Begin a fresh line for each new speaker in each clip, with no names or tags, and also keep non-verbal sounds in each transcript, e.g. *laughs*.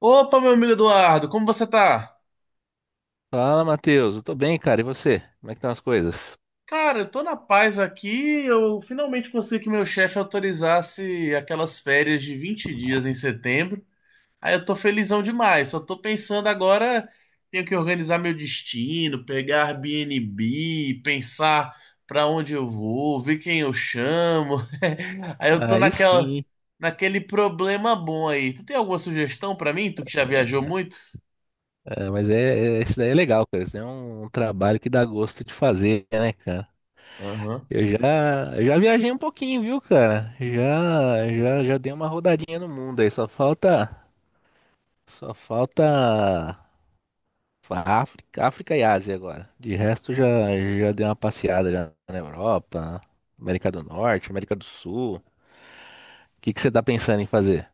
Opa, meu amigo Eduardo, como você tá?
Fala, Matheus. Eu tô bem, cara. E você? Como é que estão as coisas?
Cara, eu tô na paz aqui. Eu finalmente consegui que meu chefe autorizasse aquelas férias de 20 dias em setembro. Aí eu tô felizão demais. Só tô pensando agora, tenho que organizar meu destino, pegar Airbnb, pensar pra onde eu vou, ver quem eu chamo. *laughs* Aí eu tô
Aí sim,
naquela,
hein?
naquele problema bom aí. Tu tem alguma sugestão pra mim? Tu que já viajou muito?
É, mas esse daí é legal, cara. Esse daí é um trabalho que dá gosto de fazer, né, cara?
Aham.
Eu já viajei um pouquinho, viu, cara? Já dei uma rodadinha no mundo aí. Só falta África e Ásia agora. De resto, já dei uma passeada já na Europa, América do Norte, América do Sul. O que que você tá pensando em fazer?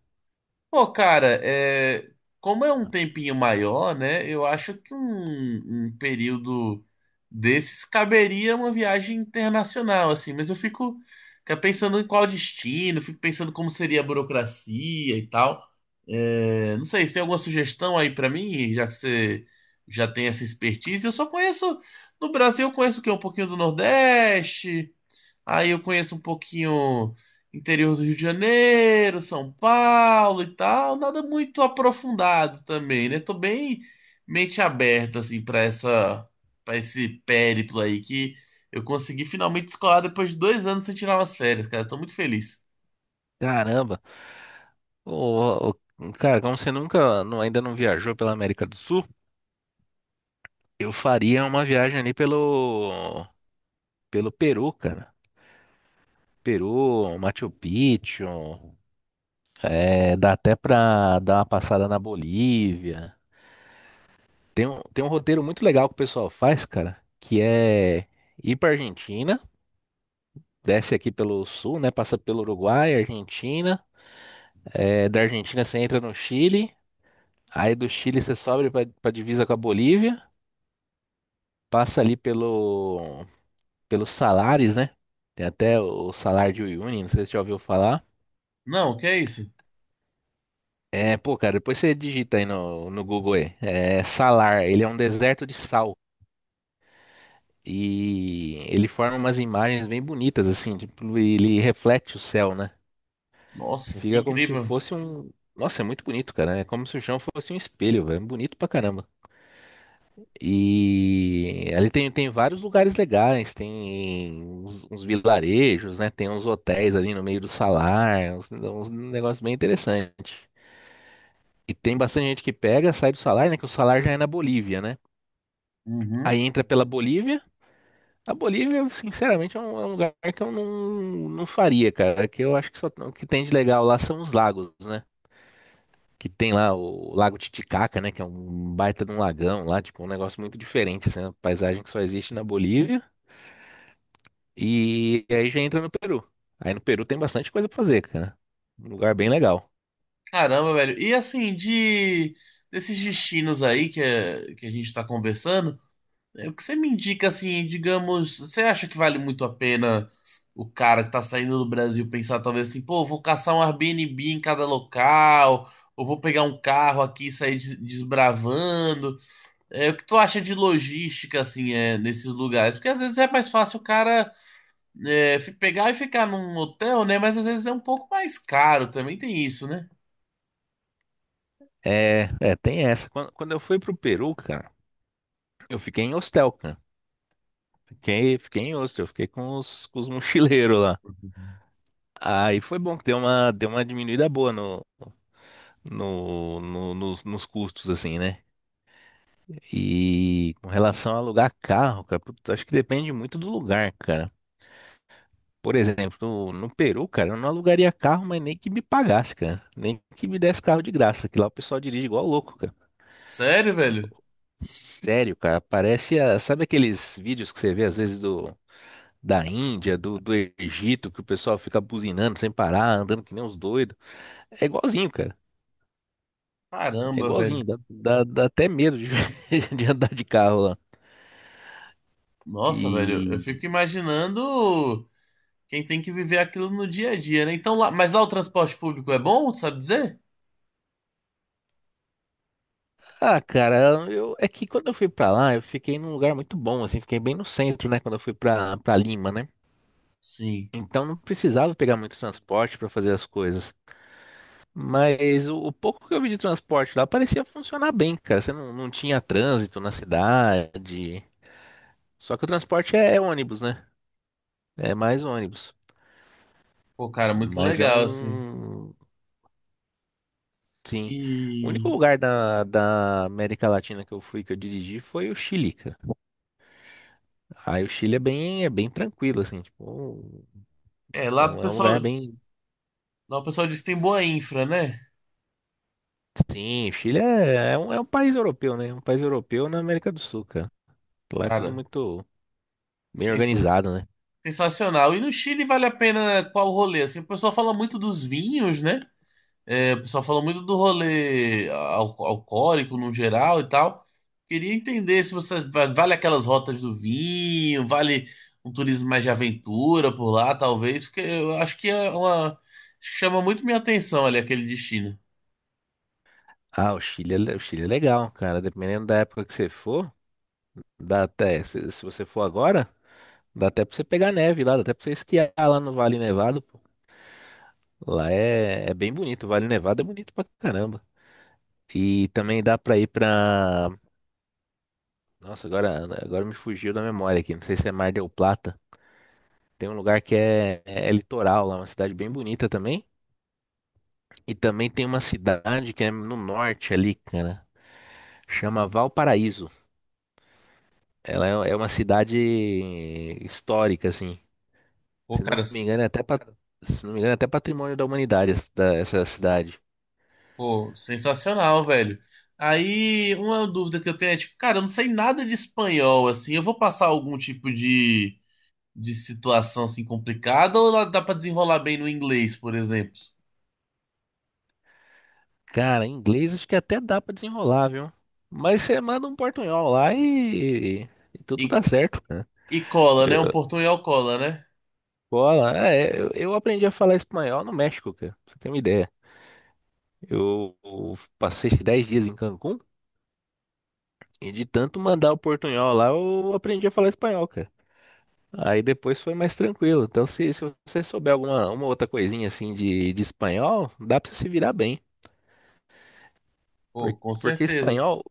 Pô, cara, é, como é um tempinho maior, né? Eu acho que um período desses caberia uma viagem internacional, assim, mas eu fico fica pensando em qual destino, fico pensando como seria a burocracia e tal. É, não sei, se tem alguma sugestão aí pra mim, já que você já tem essa expertise? Eu só conheço, no Brasil, eu conheço o quê? Um pouquinho do Nordeste, aí eu conheço um pouquinho interior do Rio de Janeiro, São Paulo e tal, nada muito aprofundado também, né? Tô bem mente aberta assim para esse périplo aí que eu consegui finalmente escolar depois de 2 anos sem tirar umas férias, cara. Tô muito feliz.
Caramba! Ô, cara, como você nunca, não- ainda não viajou pela América do Sul, eu faria uma viagem ali pelo Peru, cara. Peru, Machu Picchu, dá até pra dar uma passada na Bolívia. Tem um roteiro muito legal que o pessoal faz, cara, que é ir pra Argentina, desce aqui pelo sul, né? Passa pelo Uruguai, Argentina. Da Argentina você entra no Chile, aí do Chile você sobe pra divisa com a Bolívia, passa ali pelos salários, né? Tem até o salário de Uyuni, não sei se você já ouviu falar.
Não, que é isso?
É, pô, cara, depois você digita aí no Google aí. É, Salar, ele é um deserto de sal. E ele forma umas imagens bem bonitas, assim, tipo, ele reflete o céu, né?
Nossa, que
Fica como se
incrível.
fosse um. Nossa, é muito bonito, cara. É como se o chão fosse um espelho, velho. É bonito pra caramba. E ali tem vários lugares legais, tem uns vilarejos, né? Tem uns hotéis ali no meio do salar, uns negócios bem interessantes. E tem bastante gente que pega, sai do salar, né? Que o salar já é na Bolívia, né?
Uhum.
Aí entra pela Bolívia. A Bolívia, sinceramente, é um lugar que eu não faria, cara. Que eu acho que só o que tem de legal lá são os lagos, né? Que tem lá o Lago Titicaca, né? Que é um baita de um lagão lá, tipo, um negócio muito diferente, assim, uma paisagem que só existe na Bolívia. E aí já entra no Peru. Aí no Peru tem bastante coisa pra fazer, cara. Um lugar bem legal.
Caramba, velho. E assim, de desses destinos aí que, que a gente tá conversando, é, o que você me indica, assim, digamos, você acha que vale muito a pena o cara que tá saindo do Brasil pensar, talvez assim, pô, vou caçar um Airbnb em cada local, ou vou pegar um carro aqui e sair des- desbravando? É, o que tu acha de logística, assim, é, nesses lugares? Porque às vezes é mais fácil o cara é, fi- pegar e ficar num hotel, né? Mas às vezes é um pouco mais caro, também tem isso, né?
Tem essa. Quando eu fui pro Peru, cara, eu fiquei em hostel, cara. Fiquei em hostel, fiquei com os mochileiros lá. Aí foi bom que deu uma diminuída boa nos custos, assim, né? E com relação a alugar carro, cara, putz, acho que depende muito do lugar, cara. Por exemplo, no Peru, cara, eu não alugaria carro, mas nem que me pagasse, cara. Nem que me desse carro de graça, que lá o pessoal dirige igual louco, cara.
Sério, velho?
Sério, cara, sabe aqueles vídeos que você vê às vezes do da Índia, do Egito, que o pessoal fica buzinando sem parar, andando que nem uns doidos. É igualzinho, cara. É
Caramba, velho.
igualzinho, dá até medo *laughs* de andar de carro lá.
Nossa, velho, eu
E
fico imaginando. Quem tem que viver aquilo no dia a dia, né? Então, lá, mas lá o transporte público é bom, tu sabe dizer?
cara, eu é que quando eu fui pra lá, eu fiquei num lugar muito bom, assim, fiquei bem no centro, né, quando eu fui pra para Lima, né?
Sim.
Então não precisava pegar muito transporte para fazer as coisas. Mas o pouco que eu vi de transporte lá parecia funcionar bem, cara. Você não tinha trânsito na cidade. Só que o transporte é ônibus, né? É mais ônibus.
Pô, cara, muito
Mas é
legal, assim.
um. Sim. O único
E
lugar da América Latina que eu fui, que eu dirigi, foi o Chile, cara. Aí o Chile é bem tranquilo, assim, tipo.
é,
É um, é um lugar bem.
lá o pessoal diz que tem boa infra, né?
Sim, o Chile é um país europeu, né? É um país europeu na América do Sul, cara. Lá é tudo
Cara,
muito bem
sensa-
organizado, né?
sensacional. E no Chile vale a pena qual rolê? Assim, o pessoal fala muito dos vinhos, né? É, o pessoal falou muito do rolê alcoólico no geral e tal. Queria entender se vale aquelas rotas do vinho, vale um turismo mais de aventura por lá, talvez, porque eu acho que é uma acho que chama muito minha atenção ali aquele destino.
Ah, o Chile, o Chile é legal, cara. Dependendo da época que você for, dá até. Se você for agora, dá até pra você pegar neve lá, dá até pra você esquiar lá no Vale Nevado, pô. Lá é bem bonito. O Vale Nevado é bonito pra caramba. E também dá pra ir pra. Nossa, agora me fugiu da memória aqui. Não sei se é Mar del Plata. Tem um lugar que é litoral lá, uma cidade bem bonita também. E também tem uma cidade que é no norte ali, cara. Chama Valparaíso. Ela é uma cidade histórica, assim.
Pô,
Se
cara,
não me
s-
engano, é até, patrimônio da humanidade essa cidade.
pô, sensacional, velho. Aí uma dúvida que eu tenho é tipo, cara, eu não sei nada de espanhol, assim, eu vou passar algum tipo de situação assim complicada ou lá dá pra desenrolar bem no inglês, por exemplo?
Cara, em inglês acho que até dá pra desenrolar, viu? Mas você manda um portunhol lá e tudo
E
dá certo, cara.
E cola,
Eu,
né? Um portunhol cola, né?
bola, é, eu aprendi a falar espanhol no México, cara. Pra você ter uma ideia. Eu passei 10 dias em Cancún e de tanto mandar o portunhol lá, eu aprendi a falar espanhol, cara. Aí depois foi mais tranquilo. Então, se você souber alguma uma outra coisinha assim de espanhol, dá pra você se virar bem. Por-
Pô, com
Porque
certeza.
espanhol,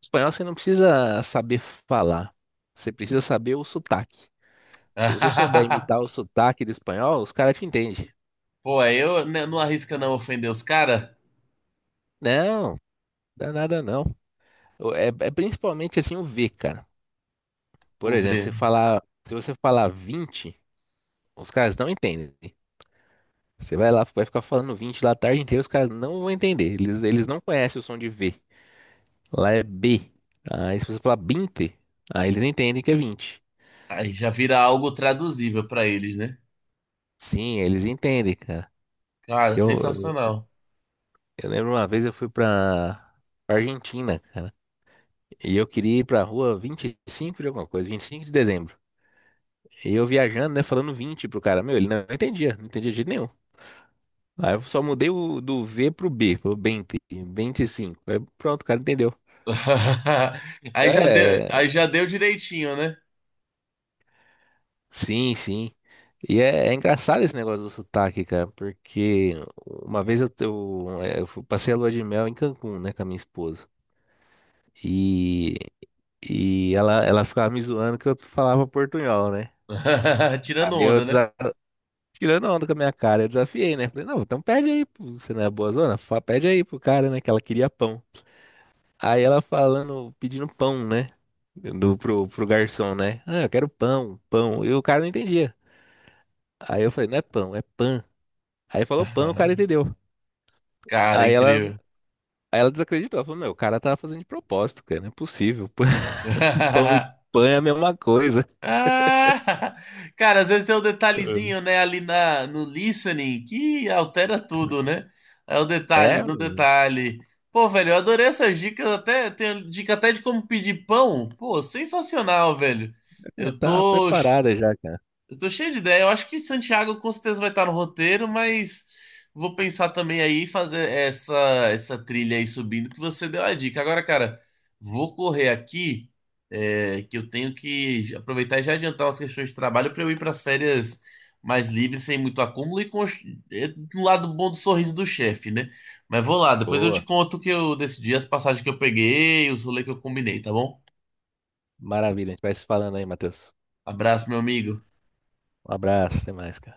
espanhol você não precisa saber falar. Você precisa saber o sotaque. Se você souber imitar o
*laughs*
sotaque do espanhol, os caras te entendem.
Pô, aí eu né, não arrisca não ofender os caras.
Não, dá nada não. É principalmente assim o V, cara. Por
O
exemplo,
ver.
se você falar 20, os caras não entendem. Você vai lá, vai ficar falando 20 lá a tarde inteira, os caras não vão entender. Eles não conhecem o som de V. Lá é B. Aí se você falar 20, aí eles entendem que é 20.
Aí já vira algo traduzível pra eles, né?
Sim, eles entendem, cara.
Cara,
Que eu, eu,
sensacional.
eu lembro uma vez eu fui pra Argentina, cara. E eu queria ir pra rua 25 de alguma coisa, 25 de dezembro. E eu viajando, né, falando 20 pro cara. Meu, ele não entendia, não entendia de jeito nenhum. Aí eu só mudei do V pro B, pro 20, 25. Aí pronto, o cara entendeu.
*laughs*
É,
Aí já deu direitinho, né?
sim, sim. E é engraçado esse negócio do sotaque, cara, porque uma vez eu passei a lua de mel em Cancún, né, com a minha esposa. E, e ela ficava me zoando que eu falava portunhol, né?
*laughs* Tirando
Aí
onda, né?
tirando onda com a minha cara, eu desafiei, né? Falei, não, então pede aí, pô, você não é boa zona? Pede aí pro cara, né, que ela queria pão. Aí ela falando, pedindo pão, né? Pro garçom, né? Ah, eu quero pão, pão. E o cara não entendia. Aí eu falei, não é pão, é pan. Aí falou pano, o cara
*laughs*
entendeu.
Cara,
Aí ela,
incrível.
aí ela desacreditou. Ela falou, meu, o cara tá fazendo de propósito, cara, não é possível. *laughs* Pão, pão e
*laughs*
pão é a mesma coisa.
Ah, *laughs* cara, às vezes é o detalhezinho, né, ali na, no listening que altera tudo, né? É o
É.
detalhe no
Meu,
detalhe. Pô, velho, eu adorei essas dicas, até tem dica até de como pedir pão. Pô, sensacional, velho. Eu
tá
tô ch-
preparada já, cara.
eu tô cheio de ideia. Eu acho que Santiago com certeza vai estar no roteiro, mas vou pensar também aí em fazer essa trilha aí subindo que você deu a dica. Agora, cara, vou correr aqui, é, que eu tenho que aproveitar e já adiantar umas questões de trabalho para eu ir para as férias mais livres, sem muito acúmulo e com os- é, um lado bom do sorriso do chefe, né? Mas vou lá, depois eu te
Boa,
conto o que eu decidi, as passagens que eu peguei, os rolês que eu combinei, tá bom?
maravilha. A gente vai se falando aí, Matheus.
Abraço, meu amigo.
Um abraço, até mais, cara.